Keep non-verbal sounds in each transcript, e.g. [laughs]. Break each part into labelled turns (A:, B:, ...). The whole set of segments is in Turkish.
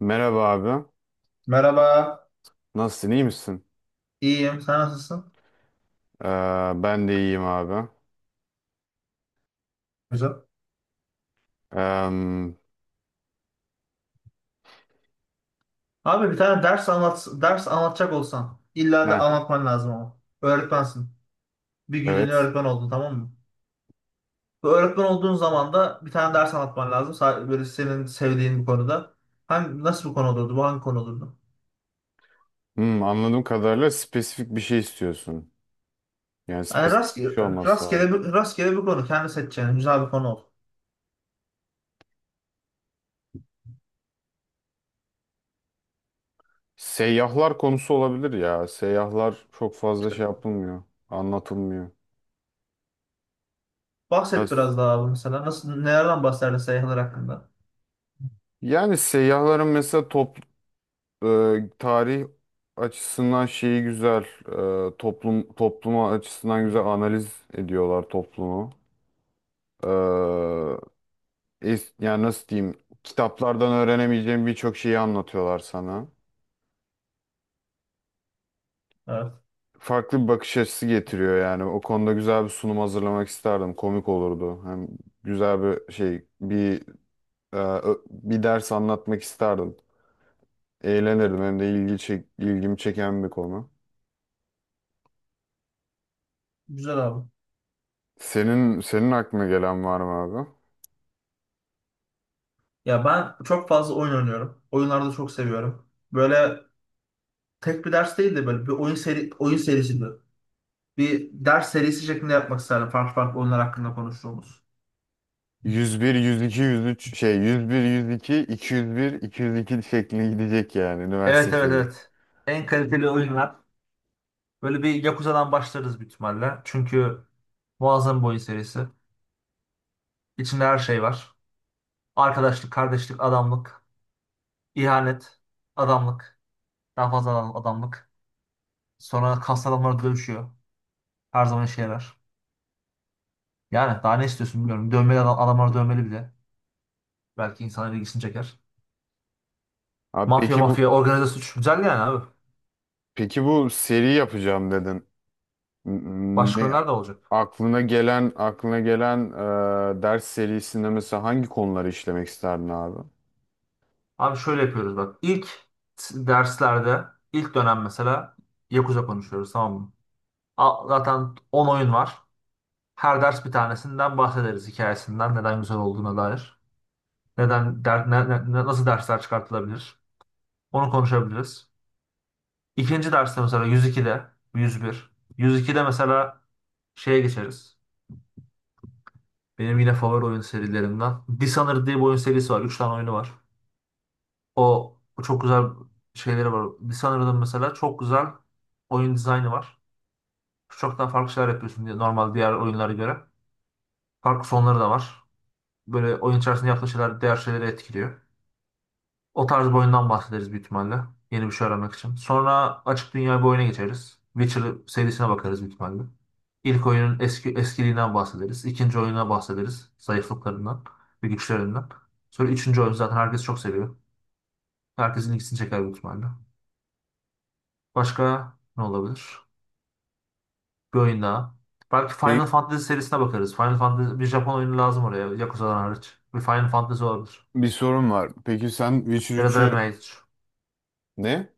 A: Merhaba abi.
B: Merhaba,
A: Nasılsın? İyi misin?
B: iyiyim. Sen nasılsın?
A: Ee, Ben de iyiyim abi.
B: Güzel.
A: Ee,
B: Abi bir tane ders anlat, ders anlatacak olsan illa da
A: heh,
B: anlatman lazım ama. Öğretmensin. Bir günlüğüne
A: evet.
B: öğretmen oldun tamam mı? Bu öğretmen olduğun zaman da bir tane ders anlatman lazım. Böyle senin sevdiğin bir konuda. Hangi, nasıl bir konu olurdu? Bu hangi konu olurdu?
A: Hmm, anladığım kadarıyla spesifik bir şey istiyorsun. Yani
B: Yani
A: spesifik bir
B: rastgele,
A: şey olması
B: rastgele,
A: lazım.
B: bir, rastgele bir konu. Kendi seçeceğin güzel bir konu ol.
A: Seyyahlar konusu olabilir ya. Seyyahlar çok fazla
B: İşte
A: şey yapılmıyor. Anlatılmıyor.
B: bahset
A: Biraz-
B: biraz daha abi mesela. Nasıl, nelerden bahsederdin seyahatler hakkında?
A: Yani seyyahların mesela tarih açısından şeyi güzel. Toplum topluma açısından güzel analiz ediyorlar toplumu. E, Yani nasıl diyeyim, kitaplardan öğrenemeyeceğin birçok şeyi anlatıyorlar sana.
B: Evet.
A: Farklı bir bakış açısı getiriyor yani. O konuda güzel bir sunum hazırlamak isterdim. Komik olurdu. Hem güzel bir bir ders anlatmak isterdim. Eğlenirdim. Hem de ilgimi çeken bir konu.
B: Güzel abi.
A: Senin aklına gelen var mı abi?
B: Ya ben çok fazla oyun oynuyorum. Oyunlarda çok seviyorum. Böyle tek bir ders değil de böyle bir oyun serisi gibi. Bir ders serisi şeklinde yapmak isterdim. Farklı farklı oyunlar hakkında konuştuğumuz.
A: 101, 102, 103 şey 101, 102, 201, 202 şeklinde gidecek yani üniversite
B: Evet, evet,
A: şeyi.
B: evet. En kaliteli oyunlar. Böyle bir Yakuza'dan başlarız büyük ihtimalle. Çünkü muazzam bir oyun serisi. İçinde her şey var. Arkadaşlık, kardeşlik, adamlık, ihanet, adamlık, daha fazla adamlık. Sonra kas adamları dövüşüyor. Her zaman işe yarar. Yani daha ne istiyorsun bilmiyorum. Dövmeli adam, adamlar dövmeli bile. Belki insanların ilgisini çeker.
A: Abi
B: Mafya
A: peki bu
B: mafya organize suç. Güzel yani abi.
A: Peki bu seri yapacağım dedin.
B: Başka
A: Ne
B: günler de olacak.
A: aklına gelen aklına gelen ders serisinde mesela hangi konuları işlemek isterdin abi?
B: Abi şöyle yapıyoruz bak. İlk derslerde ilk dönem mesela Yakuza konuşuyoruz tamam mı? Zaten 10 oyun var. Her ders bir tanesinden bahsederiz, hikayesinden neden güzel olduğuna dair. Neden der, ne- ne- ne- Nasıl dersler çıkartılabilir? Onu konuşabiliriz. İkinci derste mesela 102'de. 101. 102'de mesela şeye geçeriz. Benim yine favori oyun serilerimden. Dishonored diye bir oyun serisi var. Üç tane oyunu var. O çok güzel şeyleri var. Dishonored'ın mesela çok güzel oyun dizaynı var. Çok daha farklı şeyler yapıyorsun diye normal diğer oyunlara göre. Farklı sonları da var. Böyle oyun içerisinde yaptığın şeyler diğer şeyleri etkiliyor. O tarz bir oyundan bahsederiz büyük ihtimalle. Yeni bir şey öğrenmek için. Sonra açık dünya bir oyuna geçeriz. Witcher serisine bakarız büyük ihtimalle. İlk oyunun eskiliğinden bahsederiz. İkinci oyuna bahsederiz. Zayıflıklarından ve güçlerinden. Sonra üçüncü oyun zaten herkes çok seviyor. Herkesin ilgisini çeker büyük ihtimalle. Başka ne olabilir? Bir oyun daha. Belki Final
A: Peki
B: Fantasy serisine bakarız. Final Fantasy bir Japon oyunu lazım oraya. Yakuza'dan hariç. Bir Final Fantasy olabilir.
A: bir sorun var. Peki sen Witcher
B: Ya da Dragon
A: üçü
B: Age.
A: ne?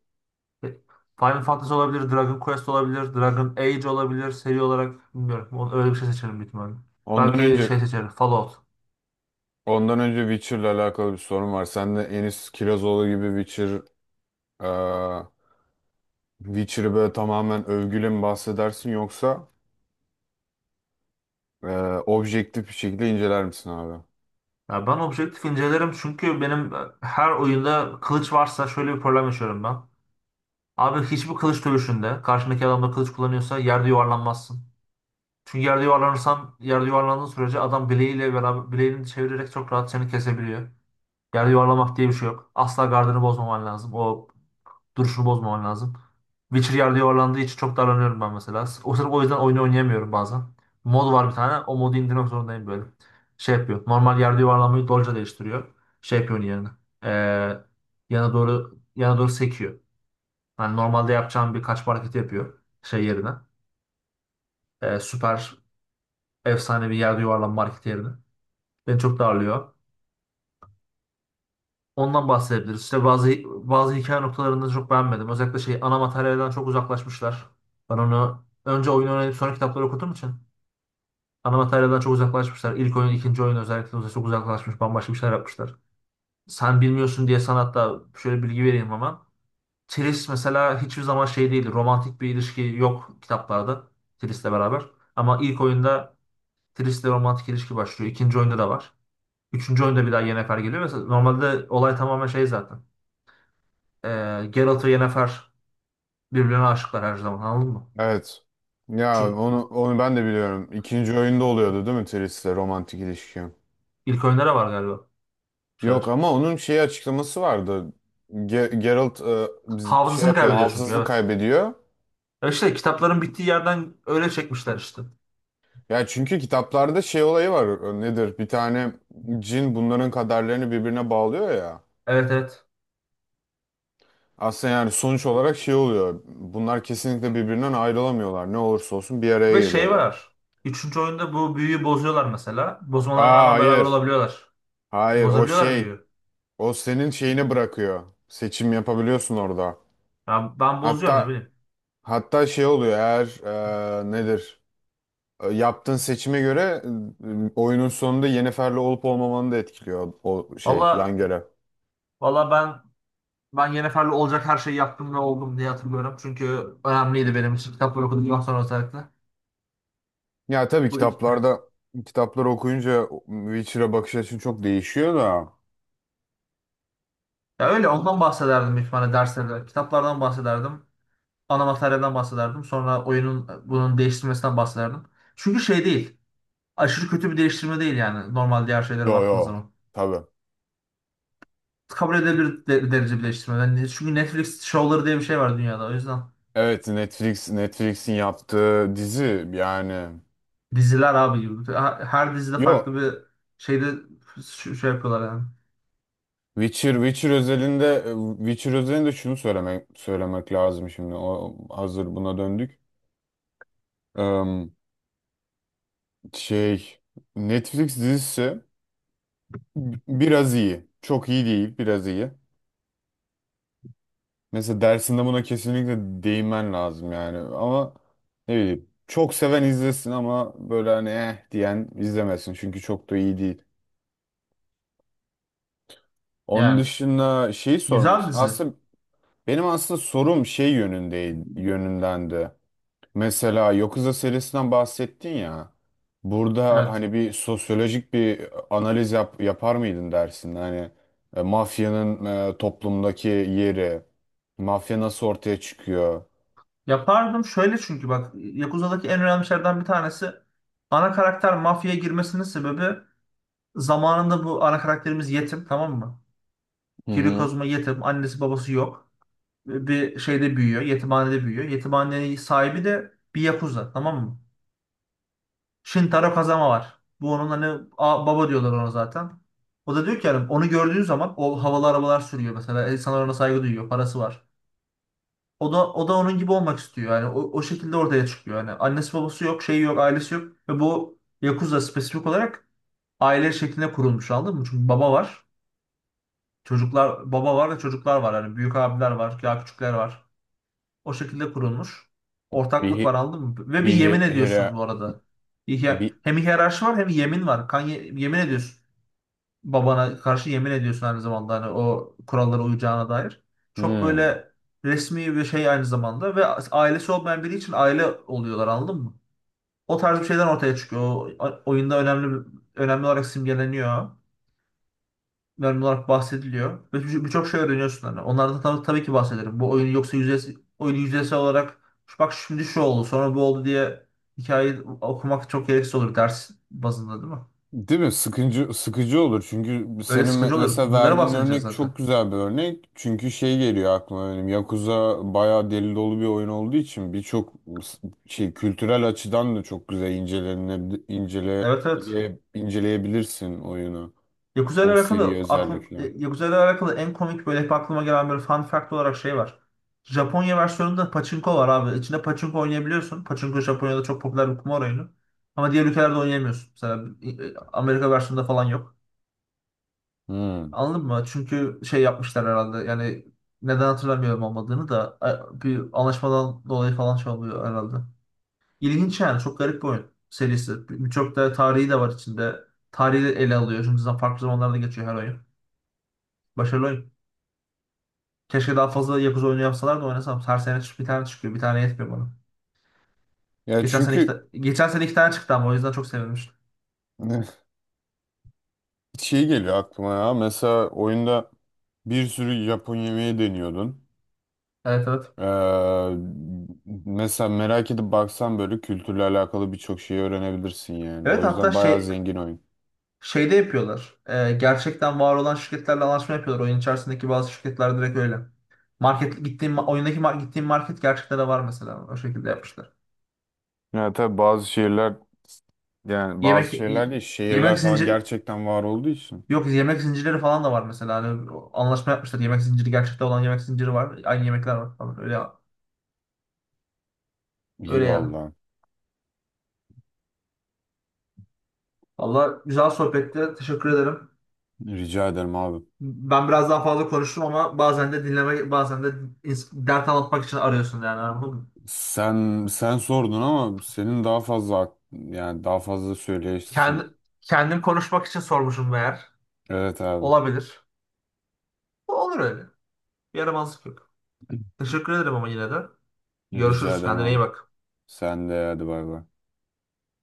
B: E, Final Fantasy olabilir. Dragon Quest olabilir. Dragon Age olabilir. Seri olarak bilmiyorum. Öyle bir şey seçerim büyük ihtimalle.
A: Ondan
B: Belki
A: önce
B: şey seçerim. Fallout.
A: ondan önce Witcher'la alakalı bir sorun var. Sen de Enis Kirazoğlu gibi e, Witcher'ı böyle tamamen övgüyle mi bahsedersin yoksa e, objektif bir şekilde inceler misin abi?
B: Ya ben objektif incelerim, çünkü benim her oyunda kılıç varsa şöyle bir problem yaşıyorum ben. Abi hiçbir kılıç dövüşünde karşındaki adam da kılıç kullanıyorsa yerde yuvarlanmazsın. Çünkü yerde yuvarlanırsan, yerde yuvarlandığın sürece adam bileğiyle beraber bileğini çevirerek çok rahat seni kesebiliyor. Yerde yuvarlamak diye bir şey yok. Asla gardını bozmaman lazım. O duruşunu bozmaman lazım. Witcher yerde yuvarlandığı için çok darlanıyorum ben mesela. O sırf o yüzden oyunu oynayamıyorum bazen. Mod var bir tane. O modu indirmek zorundayım böyle. Şey yapıyor. Normal yerde yuvarlanmayı dolca değiştiriyor. Şey yapıyor onun yerine. Ee, yana doğru yana doğru sekiyor. Yani normalde yapacağım bir kaçma hareketi yapıyor şey yerine. Süper efsane bir yerde yuvarlanma hareketi yerine. Beni çok darlıyor. Ondan bahsedebiliriz. İşte bazı hikaye noktalarını çok beğenmedim. Özellikle şey ana materyalden çok uzaklaşmışlar. Ben onu önce oyunu oynayıp sonra kitapları okuduğum için ana materyalden çok uzaklaşmışlar. İlk oyun, ikinci oyun özellikle çok uzaklaşmış. Bambaşka bir şeyler yapmışlar. Sen bilmiyorsun diye sanatta şöyle bilgi vereyim hemen. Triss mesela hiçbir zaman şey değildi. Romantik bir ilişki yok kitaplarda Triss'le beraber. Ama ilk oyunda Triss'le romantik ilişki başlıyor. İkinci oyunda da var. Üçüncü oyunda bir daha Yennefer geliyor. Mesela normalde olay tamamen şey zaten. Geralt ve Yennefer birbirine aşıklar her zaman, anladın mı?
A: Evet. Ya
B: Çünkü
A: onu ben de biliyorum. İkinci oyunda oluyordu değil mi Tris'le romantik ilişki?
B: ilk oyunlara var galiba bir
A: Yok
B: şeyler.
A: ama onun şey açıklaması vardı. Geralt şey
B: Hafızasını
A: yapıyor,
B: kaybediyor çünkü,
A: hafızasını
B: evet.
A: kaybediyor.
B: Ya işte kitapların bittiği yerden öyle çekmişler işte.
A: Ya çünkü kitaplarda şey olayı var. Nedir? Bir tane cin bunların kaderlerini birbirine bağlıyor ya.
B: Evet, evet.
A: Aslında yani sonuç olarak şey oluyor. Bunlar kesinlikle birbirinden ayrılamıyorlar. Ne olursa olsun bir
B: Ve
A: araya
B: şey
A: geliyorlar.
B: var. Üçüncü oyunda bu büyüyü bozuyorlar mesela. Bozmalarına
A: Aa
B: rağmen beraber
A: hayır.
B: olabiliyorlar.
A: Hayır o
B: Bozabiliyorlar
A: şey.
B: büyüyü.
A: O senin şeyini bırakıyor. Seçim yapabiliyorsun orada.
B: Ya ben bozuyorum, ne
A: Hatta
B: bileyim.
A: hatta şey oluyor, eğer nedir, yaptığın seçime göre oyunun sonunda Yennefer'le olup olmamanı da etkiliyor o şey yan
B: Valla
A: görev.
B: valla ben Yennefer'le olacak her şeyi yaptım ve oldum diye hatırlıyorum. Çünkü önemliydi benim için kitapları okuduktan sonra özellikle.
A: Ya tabii
B: Bu
A: kitaplarda, kitapları okuyunca Witcher'a bakış açın çok değişiyor da.
B: Ya öyle ondan bahsederdim büyük ihtimalle derslerde. Kitaplardan bahsederdim. Ana materyalden bahsederdim. Sonra oyunun bunun değiştirmesinden bahsederdim. Çünkü şey değil. Aşırı kötü bir değiştirme değil yani. Normal diğer şeylere
A: Yo
B: baktığın
A: yo,
B: zaman.
A: tabii.
B: Kabul edilebilir derece bir değiştirme. Yani çünkü Netflix şovları diye bir şey var dünyada. O yüzden
A: Evet, Netflix'in yaptığı dizi yani.
B: diziler abi gibi. Her dizide farklı
A: Yo,
B: bir şeyde şey yapıyorlar yani.
A: Witcher özelinde, Witcher özelinde şunu söylemek lazım şimdi. O, hazır buna döndük. Em, Şey, Netflix dizisi biraz iyi. Çok iyi değil, biraz iyi. Mesela dersinde buna kesinlikle değinmen lazım yani. Ama ne bileyim, çok seven izlesin ama böyle hani eh diyen izlemesin. Çünkü çok da iyi değil. Onun
B: Yani
A: dışında şeyi
B: güzel dizi.
A: aslında benim aslında sorum şey yönündendi. Mesela Yakuza serisinden bahsettin ya. Burada
B: Evet.
A: hani bir sosyolojik bir analiz yapar mıydın dersin? Hani mafyanın toplumdaki yeri, mafya nasıl ortaya çıkıyor?
B: Yapardım şöyle, çünkü bak Yakuza'daki en önemli şeylerden bir tanesi ana karakter mafyaya girmesinin sebebi. Zamanında bu ana karakterimiz yetim, tamam mı?
A: Hı
B: Kiryu
A: hı.
B: Kazuma yetim. Annesi babası yok. Bir şeyde büyüyor. Yetimhanede büyüyor. Yetimhanenin sahibi de bir yakuza, tamam mı? Shintaro Kazama var. Bu onun hani baba diyorlar ona zaten. O da diyor ki yani onu gördüğün zaman o havalı arabalar sürüyor mesela. İnsanlar ona saygı duyuyor. Parası var. O da onun gibi olmak istiyor. Yani o, o şekilde ortaya çıkıyor. Yani annesi babası yok, şeyi yok, ailesi yok ve bu Yakuza spesifik olarak aile şeklinde kurulmuş, anladın mı? Çünkü baba var. Çocuklar, baba var ve çocuklar var. Yani büyük abiler var, ya küçükler var. O şekilde kurulmuş.
A: Bir
B: Ortaklık var,
A: hi-
B: anladın mı? Ve bir
A: bir
B: yemin
A: hi-
B: ediyorsun
A: hire
B: bu arada.
A: bir
B: Hem hiyerarşi var hem yemin var. Kan yemin ediyorsun. Babana karşı yemin ediyorsun aynı zamanda, hani o kurallara uyacağına dair. Çok
A: hmm.
B: böyle resmi bir şey aynı zamanda ve ailesi olmayan biri için aile oluyorlar, anladın mı? O tarz bir şeyden ortaya çıkıyor. O, oyunda önemli olarak simgeleniyor, genel olarak bahsediliyor. Ve birçok şey öğreniyorsun hani. Onlardan tabii ki bahsederim. Bu oyunu yoksa oyunu yüzeysel olarak, "Şu bak şimdi şu oldu sonra bu oldu" diye hikayeyi okumak çok gereksiz olur ders bazında, değil mi?
A: Değil mi? Sıkıcı olur. Çünkü
B: Öyle
A: senin
B: sıkıcı olur.
A: mesela
B: Bunlara
A: verdiğin
B: bahsedeceğiz
A: örnek
B: zaten.
A: çok güzel bir örnek. Çünkü şey geliyor aklıma benim. Yakuza bayağı deli dolu bir oyun olduğu için s- şey kültürel açıdan da çok güzel
B: Evet, evet.
A: inceleyebilirsin oyunu. O seriyi özellikle.
B: Yakuza ile alakalı en komik böyle hep aklıma gelen bir fun fact olarak şey var. Japonya versiyonunda pachinko var abi. İçinde pachinko oynayabiliyorsun. Pachinko Japonya'da çok popüler bir kumar oyunu. Ama diğer ülkelerde oynayamıyorsun. Mesela Amerika versiyonunda falan yok.
A: Hmm.
B: Anladın mı? Çünkü şey yapmışlar herhalde. Yani neden hatırlamıyorum olmadığını da bir anlaşmadan dolayı falan şey oluyor herhalde. İlginç yani. Çok garip bir oyun serisi. Birçok da tarihi de var içinde. Tarihi de ele alıyor. Şimdi zaten farklı zamanlarda geçiyor her oyun. Başarılı oyun. Keşke daha fazla Yakuza oyunu yapsalar da oynasam. Her sene bir tane çıkıyor. Bir tane yetmiyor bana.
A: Ya çünkü
B: Geçen sene iki tane çıktı ama, o yüzden çok sevinmiştim.
A: [laughs] şey geliyor aklıma ya. Mesela oyunda bir sürü Japon yemeği deniyordun.
B: Evet, evet.
A: Ee, mesela merak edip baksan böyle kültürle alakalı birçok şeyi öğrenebilirsin yani. O
B: Evet hatta
A: yüzden bayağı
B: şey
A: zengin oyun.
B: Şeyde yapıyorlar. Gerçekten var olan şirketlerle anlaşma yapıyorlar. Oyun içerisindeki bazı şirketler direkt öyle. Market gittiğim ma- oyundaki mar- gittiğim market gerçekten de var mesela. O şekilde yapmışlar.
A: Ya tabii bazı şehirler, yani
B: Yemek
A: bazı şehirler
B: y-
A: değil,
B: yemek
A: şehirler falan
B: zincir
A: gerçekten var olduğu için.
B: yok, yemek zincirleri falan da var mesela. Anlaşma yapmışlar. Yemek zinciri, gerçekte olan yemek zinciri var. Aynı yemekler var falan. Öyle
A: İyi
B: öyle yani.
A: valla.
B: Valla güzel sohbetti. Teşekkür ederim.
A: Rica ederim abi.
B: Ben biraz daha fazla konuştum ama bazen de dinleme, bazen de dert anlatmak için arıyorsun yani.
A: Sen sordun ama senin daha yani daha fazla
B: Kendi,
A: söyleyesin.
B: kendim konuşmak için sormuşum meğer.
A: Evet abi.
B: Olabilir. Olur öyle. Yaramazlık yok. Teşekkür ederim ama yine de.
A: Rica
B: Görüşürüz.
A: ederim
B: Kendine iyi
A: abi.
B: bak.
A: Sen de hadi bay bay.